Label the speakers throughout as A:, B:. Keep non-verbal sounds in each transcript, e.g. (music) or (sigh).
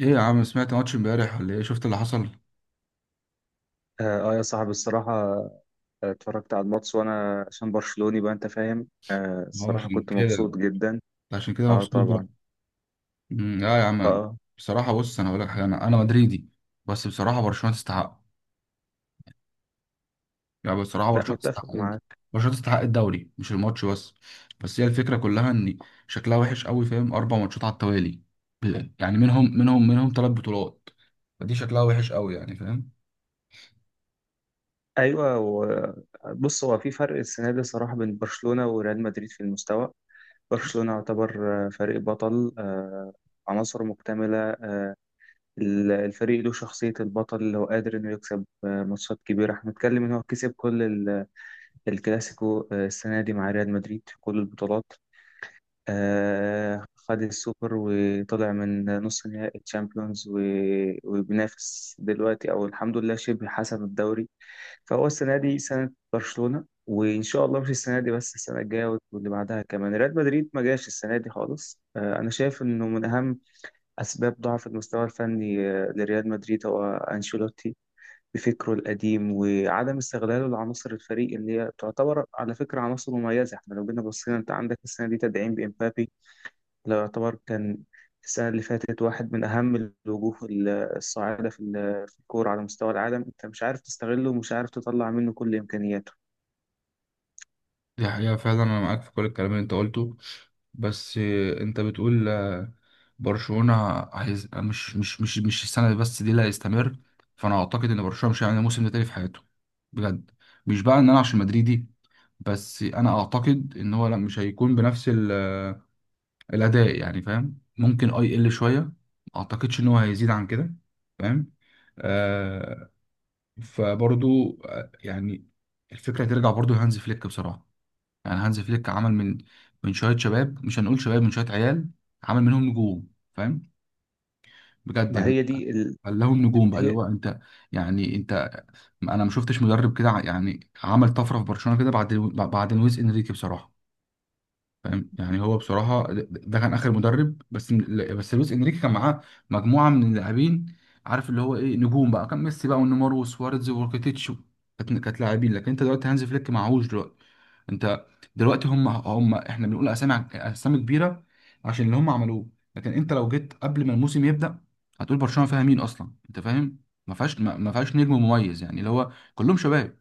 A: ايه يا عم، سمعت ماتش امبارح ولا ايه؟ شفت اللي حصل؟
B: اه آه يا صاحبي الصراحة. اتفرجت على الماتش وانا عشان برشلوني بقى، انت فاهم،
A: هو
B: الصراحة
A: عشان
B: كنت
A: كده؟
B: مبسوط جدا.
A: عشان كده
B: اه
A: مبسوط بقى؟
B: طبعا.
A: اه يا
B: اه
A: عم،
B: آه.
A: بصراحه بص، انا هقول لك حاجه، انا مدريدي، بس بصراحه برشلونه تستحق، يعني بصراحه
B: لا،
A: برشلونه
B: متفق
A: تستحق، ايه ده؟
B: معاك.
A: برشلونه تستحق الدوري، مش الماتش بس، بس هي الفكره كلها ان شكلها وحش قوي، فاهم؟ اربع ماتشات على التوالي، يعني منهم ثلاث بطولات، فدي شكلها وحش قوي يعني، فاهم؟
B: ايوه و- بص، هو في فرق السنة دي صراحة بين برشلونة وريال مدريد في المستوى. برشلونة يعتبر فريق بطل، عناصره مكتملة. الفريق له شخصية البطل اللي هو قادر انه يكسب ماتشات كبيرة. احنا بنتكلم ان هو كسب كل الكلاسيكو السنة دي مع ريال مدريد في كل البطولات. خد السوبر وطلع من نص نهائي الشامبيونز وبينافس دلوقتي، او الحمد لله شبه حسم الدوري. فهو السنه دي سنه برشلونه، وان شاء الله مش السنه دي بس، السنه الجايه واللي بعدها كمان. ريال مدريد ما جاش السنه دي خالص. انا شايف انه من اهم اسباب ضعف المستوى الفني لريال مدريد هو انشيلوتي بفكره القديم وعدم استغلاله لعناصر الفريق اللي هي تعتبر على فكره عناصر مميزه. احنا لو جينا بصينا، انت عندك السنه دي تدعيم بامبابي. لو يعتبر كان السنة اللي فاتت واحد من أهم الوجوه الصاعدة في في الكورة على مستوى العالم، أنت مش عارف تستغله ومش عارف تطلع منه كل إمكانياته.
A: دي حقيقة فعلا، أنا معاك في كل الكلام اللي أنت قلته، بس أنت بتقول، برشلونة مش السنة دي بس، دي اللي هيستمر، فأنا أعتقد إن برشلونة مش هيعمل موسم ده تاني في حياته، بجد، مش بقى إن أنا عشان مدريدي، بس أنا أعتقد إن هو لا، مش هيكون بنفس ال... آه، الأداء يعني، فاهم؟ ممكن يقل شوية، ما أعتقدش إن هو هيزيد عن كده، فاهم؟ آه فبرضو، يعني الفكرة ترجع برضو لهانز فليك بصراحة، يعني هانز فليك عمل من شويه شباب، مش هنقول شباب، من شويه عيال، عمل منهم نجوم، فاهم؟ بجد
B: ما هي
A: يعني
B: دي ال...
A: خلاهم نجوم بقى، اللي
B: هي
A: هو انت يعني انت، انا ما شفتش مدرب كده يعني عمل طفره في برشلونه كده بعد لويس انريكي بصراحه، فاهم؟ يعني هو بصراحه، ده كان اخر مدرب، بس بس لويس انريكي كان معاه مجموعه من اللاعبين، عارف اللي هو ايه، نجوم بقى، كان ميسي بقى ونيمار وسواريز وروكيتيتش، كانت لاعبين، لكن انت دلوقتي هانز فليك معهوش دلوقتي، انت دلوقتي، هم احنا بنقول اسامي اسامي كبيره عشان اللي هم عملوه، لكن انت لو جيت قبل ما الموسم يبدا، هتقول برشلونه فيها مين اصلا، انت فاهم؟ ما فيهاش، ما فيهاش نجم مميز، يعني اللي هو كلهم شباب،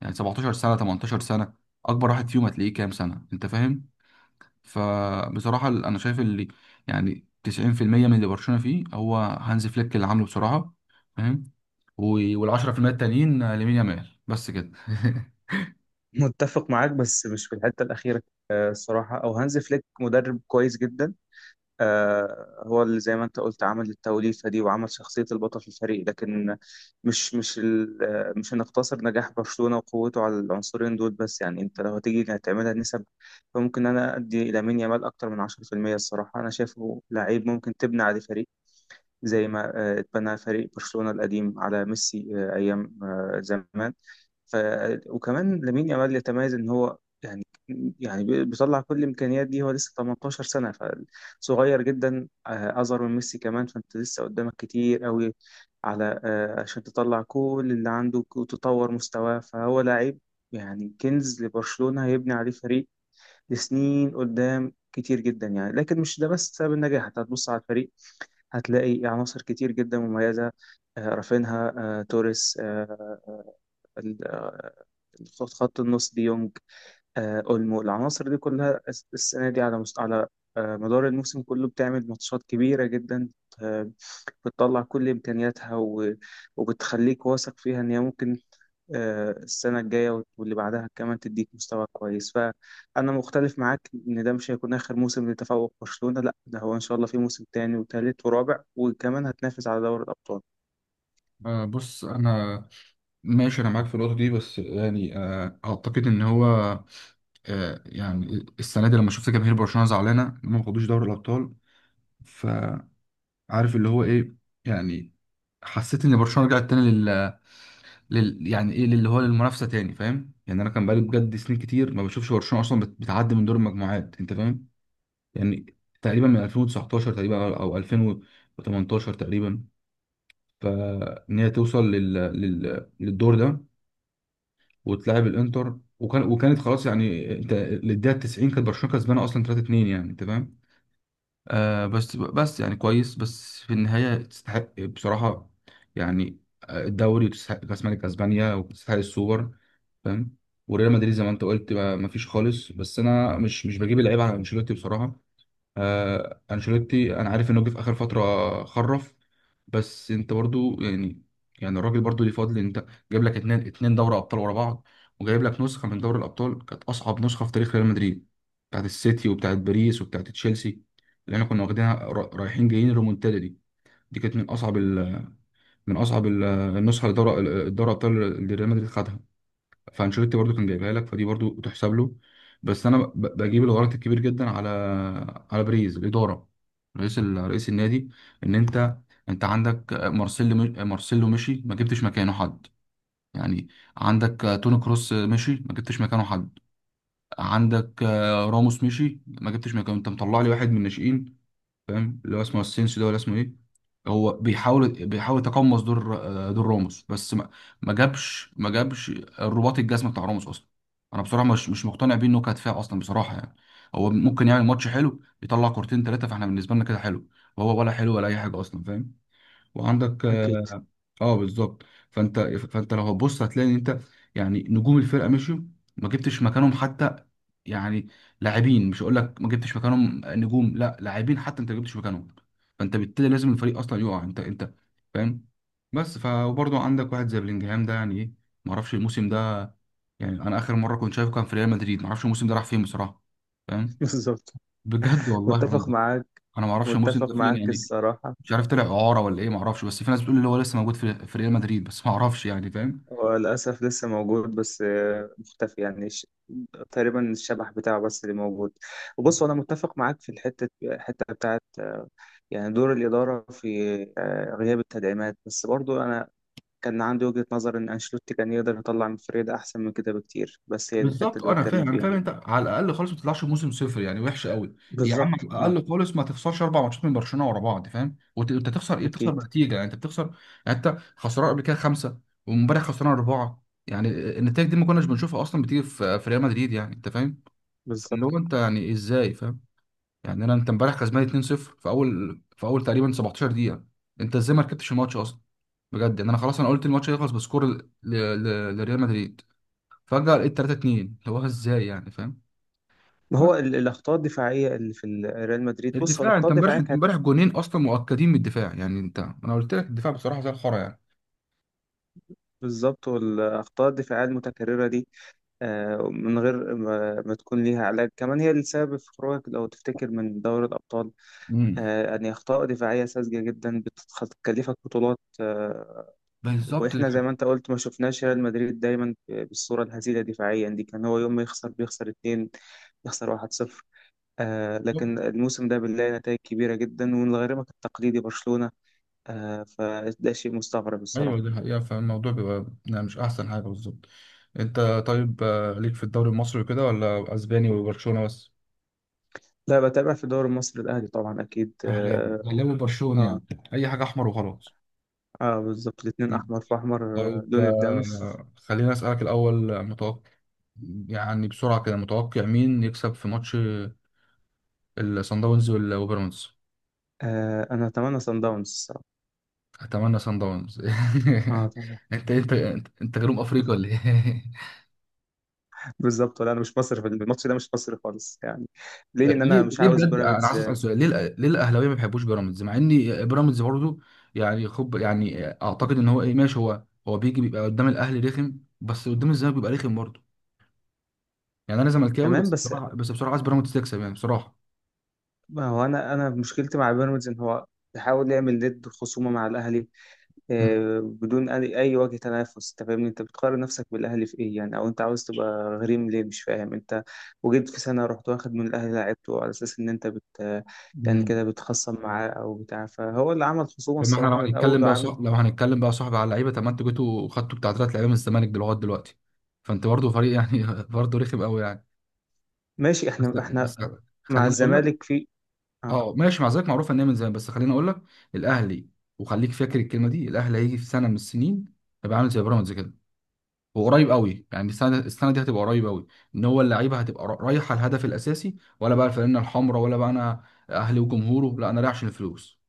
A: يعني 17 سنه، 18 سنه، اكبر واحد فيهم هتلاقيه كام سنه، انت فاهم؟ فبصراحة أنا شايف اللي يعني 90% من اللي برشلونة فيه هو هانز فليك اللي عامله بصراحة، فاهم؟ وال10% التانيين، آه، لامين يامال بس كده. (laughs)
B: متفق معاك، بس مش في الحتة الأخيرة. الصراحة أو هانز فليك مدرب كويس جدا. هو اللي زي ما انت قلت عمل التوليفة دي وعمل شخصية البطل في الفريق، لكن مش مش ال- آه، مش هنقتصر نجاح برشلونة وقوته على العنصرين دول بس. يعني انت لو هتيجي هتعملها نسب، فممكن انا ادي لامين يامال اكتر من 10%. الصراحة انا شايفه لعيب ممكن تبني عليه فريق، زي ما اتبنى فريق برشلونة القديم على ميسي ايام زمان. ف... وكمان لامين يامال يتميز ان هو، يعني، بيطلع كل الامكانيات دي. هو لسه 18 سنه، فصغير جدا، اصغر من ميسي كمان. فانت لسه قدامك كتير قوي على، عشان تطلع كل اللي عندك وتطور مستواه. فهو لاعب يعني كنز لبرشلونه، هيبني عليه فريق لسنين قدام كتير جدا يعني. لكن مش ده بس سبب النجاح. انت هتبص على الفريق هتلاقي عناصر كتير جدا مميزه: رافينها، توريس، خط النص دي يونج، اولمو. العناصر دي كلها السنه دي على على مدار الموسم كله بتعمل ماتشات كبيره جدا، آه، بتطلع كل امكانياتها وبتخليك واثق فيها ان هي ممكن السنه الجايه واللي بعدها كمان تديك مستوى كويس. فانا مختلف معاك ان ده مش هيكون اخر موسم لتفوق برشلونه، لا ده هو ان شاء الله في موسم تاني وتالت ورابع، وكمان هتنافس على دوري الابطال.
A: آه، بص، أنا ماشي، أنا معاك في النقطة دي، بس يعني، آه، أعتقد إن هو، آه، يعني السنة دي لما شفت جماهير برشلونة زعلانة إن هم ما خدوش دوري الأبطال، فعارف اللي هو إيه يعني، حسيت إن برشلونة رجعت تاني يعني ايه، اللي هو للمنافسه تاني، فاهم يعني؟ انا كان بقالي بجد سنين كتير ما بشوفش برشلونه اصلا بتعدي من دور المجموعات، انت فاهم؟ يعني تقريبا من 2019 تقريبا، او أو 2018 تقريبا، فان هي توصل للدور ده وتلاعب الانتر، وكانت خلاص يعني، انت للدقيقه 90 كانت برشلونه كسبانه اصلا 3-2، يعني انت فاهم؟ آه بس بس يعني كويس، بس في النهايه تستحق بصراحه، يعني آه، الدوري وتستحق كاس ملك اسبانيا وتستحق السوبر، فاهم؟ وريال مدريد زي ما انت قلت، ما فيش خالص، بس انا مش بجيب العيب على انشيلوتي بصراحه، آه انشيلوتي انا عارف انه جه في اخر فتره خرف، بس انت برضو يعني، يعني الراجل برضو ليه فضل، انت جايب لك اتنين دوري ابطال ورا بعض، وجايب لك نسخه من دوري الابطال كانت اصعب نسخه في تاريخ ريال مدريد، بتاعت السيتي وبتاعت باريس وبتاعت تشيلسي، اللي احنا كنا واخدينها رايحين جايين، الريمونتادا دي، دي كانت من اصعب من اصعب النسخه لدوري الدوري الابطال اللي ريال مدريد خدها، فانشيلوتي برضو كان جايبها لك، فدي برضو تحسب له، بس انا بجيب الغلط الكبير جدا على على بريز الاداره، رئيس رئيس النادي، ان انت، انت عندك مارسيلو، مارسيلو مشي، ما جبتش مكانه حد، يعني عندك توني كروس مشي، ما جبتش مكانه حد، عندك راموس مشي، ما جبتش مكانه، انت مطلع لي واحد من الناشئين، فاهم اللي هو اسمه السينسيو ده ولا اسمه ايه، هو بيحاول يتقمص دور، آه، دور راموس، بس ما جابش الرباط الجزم بتاع راموس اصلا، انا بصراحه مش مقتنع بيه انه كدفاع اصلا بصراحه يعني، هو ممكن يعمل ماتش حلو، يطلع كورتين ثلاثه، فاحنا بالنسبه لنا كده حلو، وهو ولا حلو ولا اي حاجه اصلا، فاهم؟ وعندك
B: اكيد.
A: اه، آه، بالظبط، فانت لو هتبص هتلاقي ان انت، يعني نجوم الفرقه مشيوا، ما جبتش مكانهم حتى، يعني لاعبين، مش هقول لك ما جبتش مكانهم نجوم، لا، لاعبين حتى انت ما جبتش مكانهم، فانت بالتالي لازم الفريق اصلا يقع، انت فاهم؟ بس فبرضه عندك واحد زي بلينجهام ده، يعني ايه، ما اعرفش الموسم ده، يعني انا اخر مره كنت شايفه كان في ريال مدريد، ما اعرفش الموسم ده راح فين بصراحه،
B: (laughs)
A: فاهم؟
B: بالظبط.
A: بجد والله، انا
B: متفق معاك.
A: انا ما اعرفش الموسم
B: متفق
A: ده فين
B: معاك
A: يعني،
B: الصراحه.
A: مش عارف طلع اعاره ولا ايه، ما اعرفش، بس في ناس بتقول اللي هو لسه موجود في ريال مدريد، بس ما اعرفش يعني، فاهم؟
B: هو للأسف لسه موجود بس مختفي يعني تقريبا الشبح بتاعه بس اللي موجود. وبص، أنا متفق معاك في الحتة بتاعت يعني دور الإدارة في غياب التدعيمات. بس برضو أنا كان عندي وجهة نظر إن أنشيلوتي كان يقدر يطلع من فريد أحسن من كده بكتير، بس هي دي الحتة
A: بالظبط، آه،
B: اللي
A: انا
B: بتكلم
A: فاهم، انا فاهم،
B: فيها.
A: انت على الاقل خالص ما تطلعش موسم صفر يعني، وحش قوي، يا عم
B: بالظبط
A: على
B: اه.
A: الاقل خالص ما تخسرش اربع ماتشات من برشلونه ورا بعض، فاهم؟ وانت، أنت تخسر ايه، بتخسر
B: أكيد.
A: بنتيجه يعني، انت بتخسر، يعني انت خسران قبل كده خمسه، وامبارح خسران اربعه يعني، النتائج دي ما كناش بنشوفها اصلا بتيجي في ريال مدريد، يعني انت فاهم؟
B: بالظبط.
A: اللي هو انت يعني ازاي، فاهم؟ يعني انا، انت امبارح كسبان 2-0 في اول، في اول تقريبا 17 دقيقه، انت ازاي ما ركبتش الماتش اصلا، بجد يعني، انا خلاص انا قلت الماتش هيخلص بسكور لريال مدريد، فجاه لقيت 3-2، هو ازاي يعني؟ فاهم؟
B: ما
A: بس
B: هو الأخطاء الدفاعية اللي في ريال مدريد، بص هو
A: الدفاع،
B: الأخطاء
A: انت امبارح،
B: الدفاعية
A: انت
B: كانت.
A: امبارح جونين اصلا مؤكدين من الدفاع يعني، انت انا قلت لك الدفاع بصراحه زي الخرا يعني،
B: بالظبط. والأخطاء الدفاعية المتكررة دي، من غير ما تكون ليها علاج كمان، هي السبب في خروجك لو تفتكر من دوري الأبطال.
A: امم
B: يعني أخطاء دفاعية ساذجة جدا بتكلفك بطولات،
A: بالظبط دي
B: وإحنا زي ما
A: حقيقة.
B: أنت قلت ما شفناش ريال مدريد دايما بالصورة الهزيلة دفاعيا دي. كان هو يوم ما يخسر بيخسر اتنين، يخسر واحد صفر،
A: بالظبط،
B: لكن الموسم ده بنلاقي نتائج كبيرة جدا ومن غريمك التقليدي برشلونة. فده شيء مستغرب
A: ايوه
B: الصراحة.
A: دي حقيقه، فالموضوع بيبقى يعني مش احسن حاجه بالظبط، انت طيب آه، ليك في الدوري المصري وكده، ولا اسباني وبرشلونه بس؟
B: لا، بتابع في الدوري المصري، الأهلي طبعا أكيد
A: اهلاوي اهلاوي برشلوني
B: آه.
A: يعني، اي حاجه احمر وخلاص.
B: اه بالظبط، الاتنين
A: مم.
B: احمر في احمر،
A: طيب
B: لون الدم.
A: آه، خليني اسالك الاول، آه، متوقع يعني بسرعه كده، متوقع مين يكسب في ماتش الصن داونز وال- وبيراميدز؟
B: آه، انا اتمنى سان داونز الصراحة.
A: اتمنى صن داونز.
B: اه طبعا،
A: (laughs) انت أنت جنوب افريقيا ولا ايه؟ (laughs)
B: بالظبط. ولا انا مش مصري في الماتش ده، مش مصري خالص يعني. ليه؟ لان
A: ليه؟
B: انا مش
A: ليه
B: عاوز
A: بجد، انا
B: بيراميدز
A: عايز اسال سؤال، ليه ليه الاهلاويه ما بيحبوش بيراميدز، مع ان بيراميدز برضه يعني، خب يعني اعتقد ان هو ايه، ماشي، هو هو بيجي بيبقى قدام الاهلي رخم، بس قدام الزمالك بيبقى رخم برضه، يعني انا زملكاوي،
B: تمام
A: بس
B: بس
A: بصراحه، بس بصراحه عايز بيراميدز تكسب يعني بصراحه.
B: ما هو انا مشكلتي مع بيراميدز ان هو بيحاول يعمل ند خصومه مع الاهلي
A: مم.
B: بدون اي، أي وجه تنافس. انت فاهمني، انت بتقارن نفسك بالاهلي في ايه يعني؟ او انت عاوز تبقى غريم ليه؟ مش فاهم انت. وجيت في سنه رحت واخد من الاهلي لعبته على اساس ان انت بت، يعني
A: مم.
B: كده بتخصم معاه او بتاع، فهو اللي عمل خصومه
A: طب ما احنا لو
B: الصراحه من
A: هنتكلم
B: الاول
A: بقى
B: وعامل.
A: صح، لو هنتكلم بقى صاحب على اللعيبه، طب ما انتوا جيتوا خدتوا بتاع ثلاث لعيبه من الزمالك لغايه دلوقتي، فانت برضه فريق يعني (laughs) برضه رخم قوي يعني،
B: ماشي،
A: بس
B: احنا
A: بس
B: مع
A: خليني اقول لك،
B: الزمالك في، اه.
A: اه ماشي مع ذلك، معروف ان هي من زمان، بس خليني اقول لك، الاهلي، وخليك فاكر الكلمه دي، الاهلي هيجي في سنه من السنين هيبقى عامل زي بيراميدز كده، وقريب قوي يعني، السنه السنه دي هتبقى قريب قوي، ان هو اللعيبه هتبقى رايحه الهدف الاساسي، ولا بقى الفانله الحمراء، ولا بقى انا اهلي وجمهوره، لا انا رايح عشان الفلوس،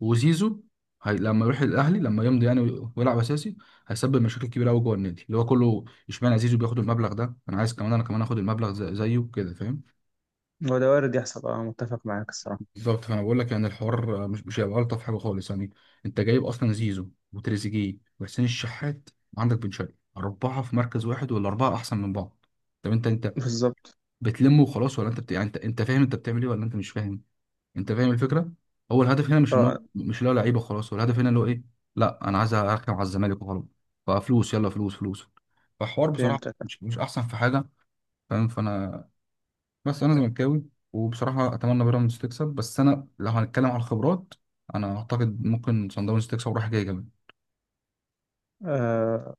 A: وزيزو هي لما يروح الاهلي لما يمضي يعني ويلعب اساسي، هيسبب مشاكل كبيره قوي جوه النادي، اللي هو كله اشمعنى زيزو بياخد المبلغ ده، انا عايز كمان، انا كمان اخد المبلغ زيه كده، فاهم؟
B: هو ده وارد يحصل، اه متفق معاك الصراحه.
A: بالظبط، فانا بقول لك يعني، الحوار مش هيبقى الطف حاجه خالص يعني، انت جايب اصلا زيزو وتريزيجيه وحسين الشحات وعندك بن شرقي، اربعه في مركز واحد، ولا اربعه احسن من بعض، طب انت، انت
B: بالظبط
A: بتلمه وخلاص، ولا انت يعني انت، انت فاهم انت بتعمل ايه، ولا انت مش فاهم؟ انت فاهم الفكره، هو الهدف هنا مش ان هو،
B: اه.
A: مش اللي هو لعيبه وخلاص، هو الهدف هنا اللي هو ايه، لا انا عايز اركب على الزمالك وخلاص، ففلوس يلا فلوس فلوس، فحوار بصراحه
B: فهمتك.
A: مش احسن في حاجه، فاهم؟ فانا، بس انا زملكاوي وبصراحه اتمنى بيراميدز تكسب، بس انا لو هنتكلم على الخبرات، انا اعتقد ممكن صن داونز تكسب رايح جاي كمان،
B: آه،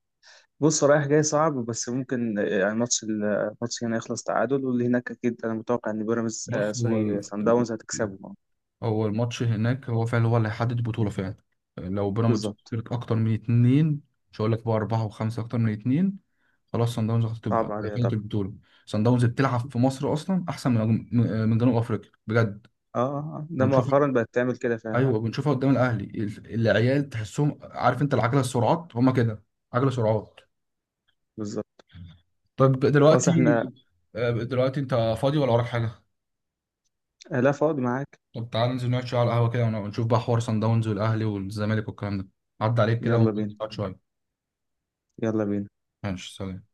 B: بص رايح جاي صعب، بس ممكن يعني ماتش الماتش هنا يخلص تعادل، واللي هناك اكيد انا متوقع ان بيراميدز آه
A: بص هو
B: سوري سان داونز هتكسبه
A: هو الماتش هناك، هو فعلا هو اللي هيحدد البطولة فعلا، لو بيراميدز
B: بالظبط.
A: خسرت أكتر من اتنين، مش هقول لك بقى أربعة وخمسة، أكتر من اتنين، خلاص صن داونز
B: صعب
A: هتبقى
B: عليها
A: دخلت
B: طبعا.
A: البطولة، صن داونز بتلعب في مصر أصلا أحسن من من جنوب أفريقيا بجد،
B: ده
A: ونشوفها،
B: مؤخرا بقت تعمل كده فعلا.
A: أيوه بنشوفها قدام الأهلي، العيال تحسهم، عارف أنت، العجلة، السرعات هما كده، عجلة سرعات،
B: بالظبط.
A: طيب
B: خلاص
A: دلوقتي،
B: احنا.
A: آه، دلوقتي أنت فاضي ولا وراك حاجة؟
B: لا، فاضي معاك.
A: طب تعال ننزل نقعد شوية على القهوة كده، ونشوف بقى حوار صن داونز والأهلي والزمالك والكلام ده، عدى عليك كده
B: يلا بينا.
A: ونقعد شوية،
B: يلا بينا.
A: ماشي سلام.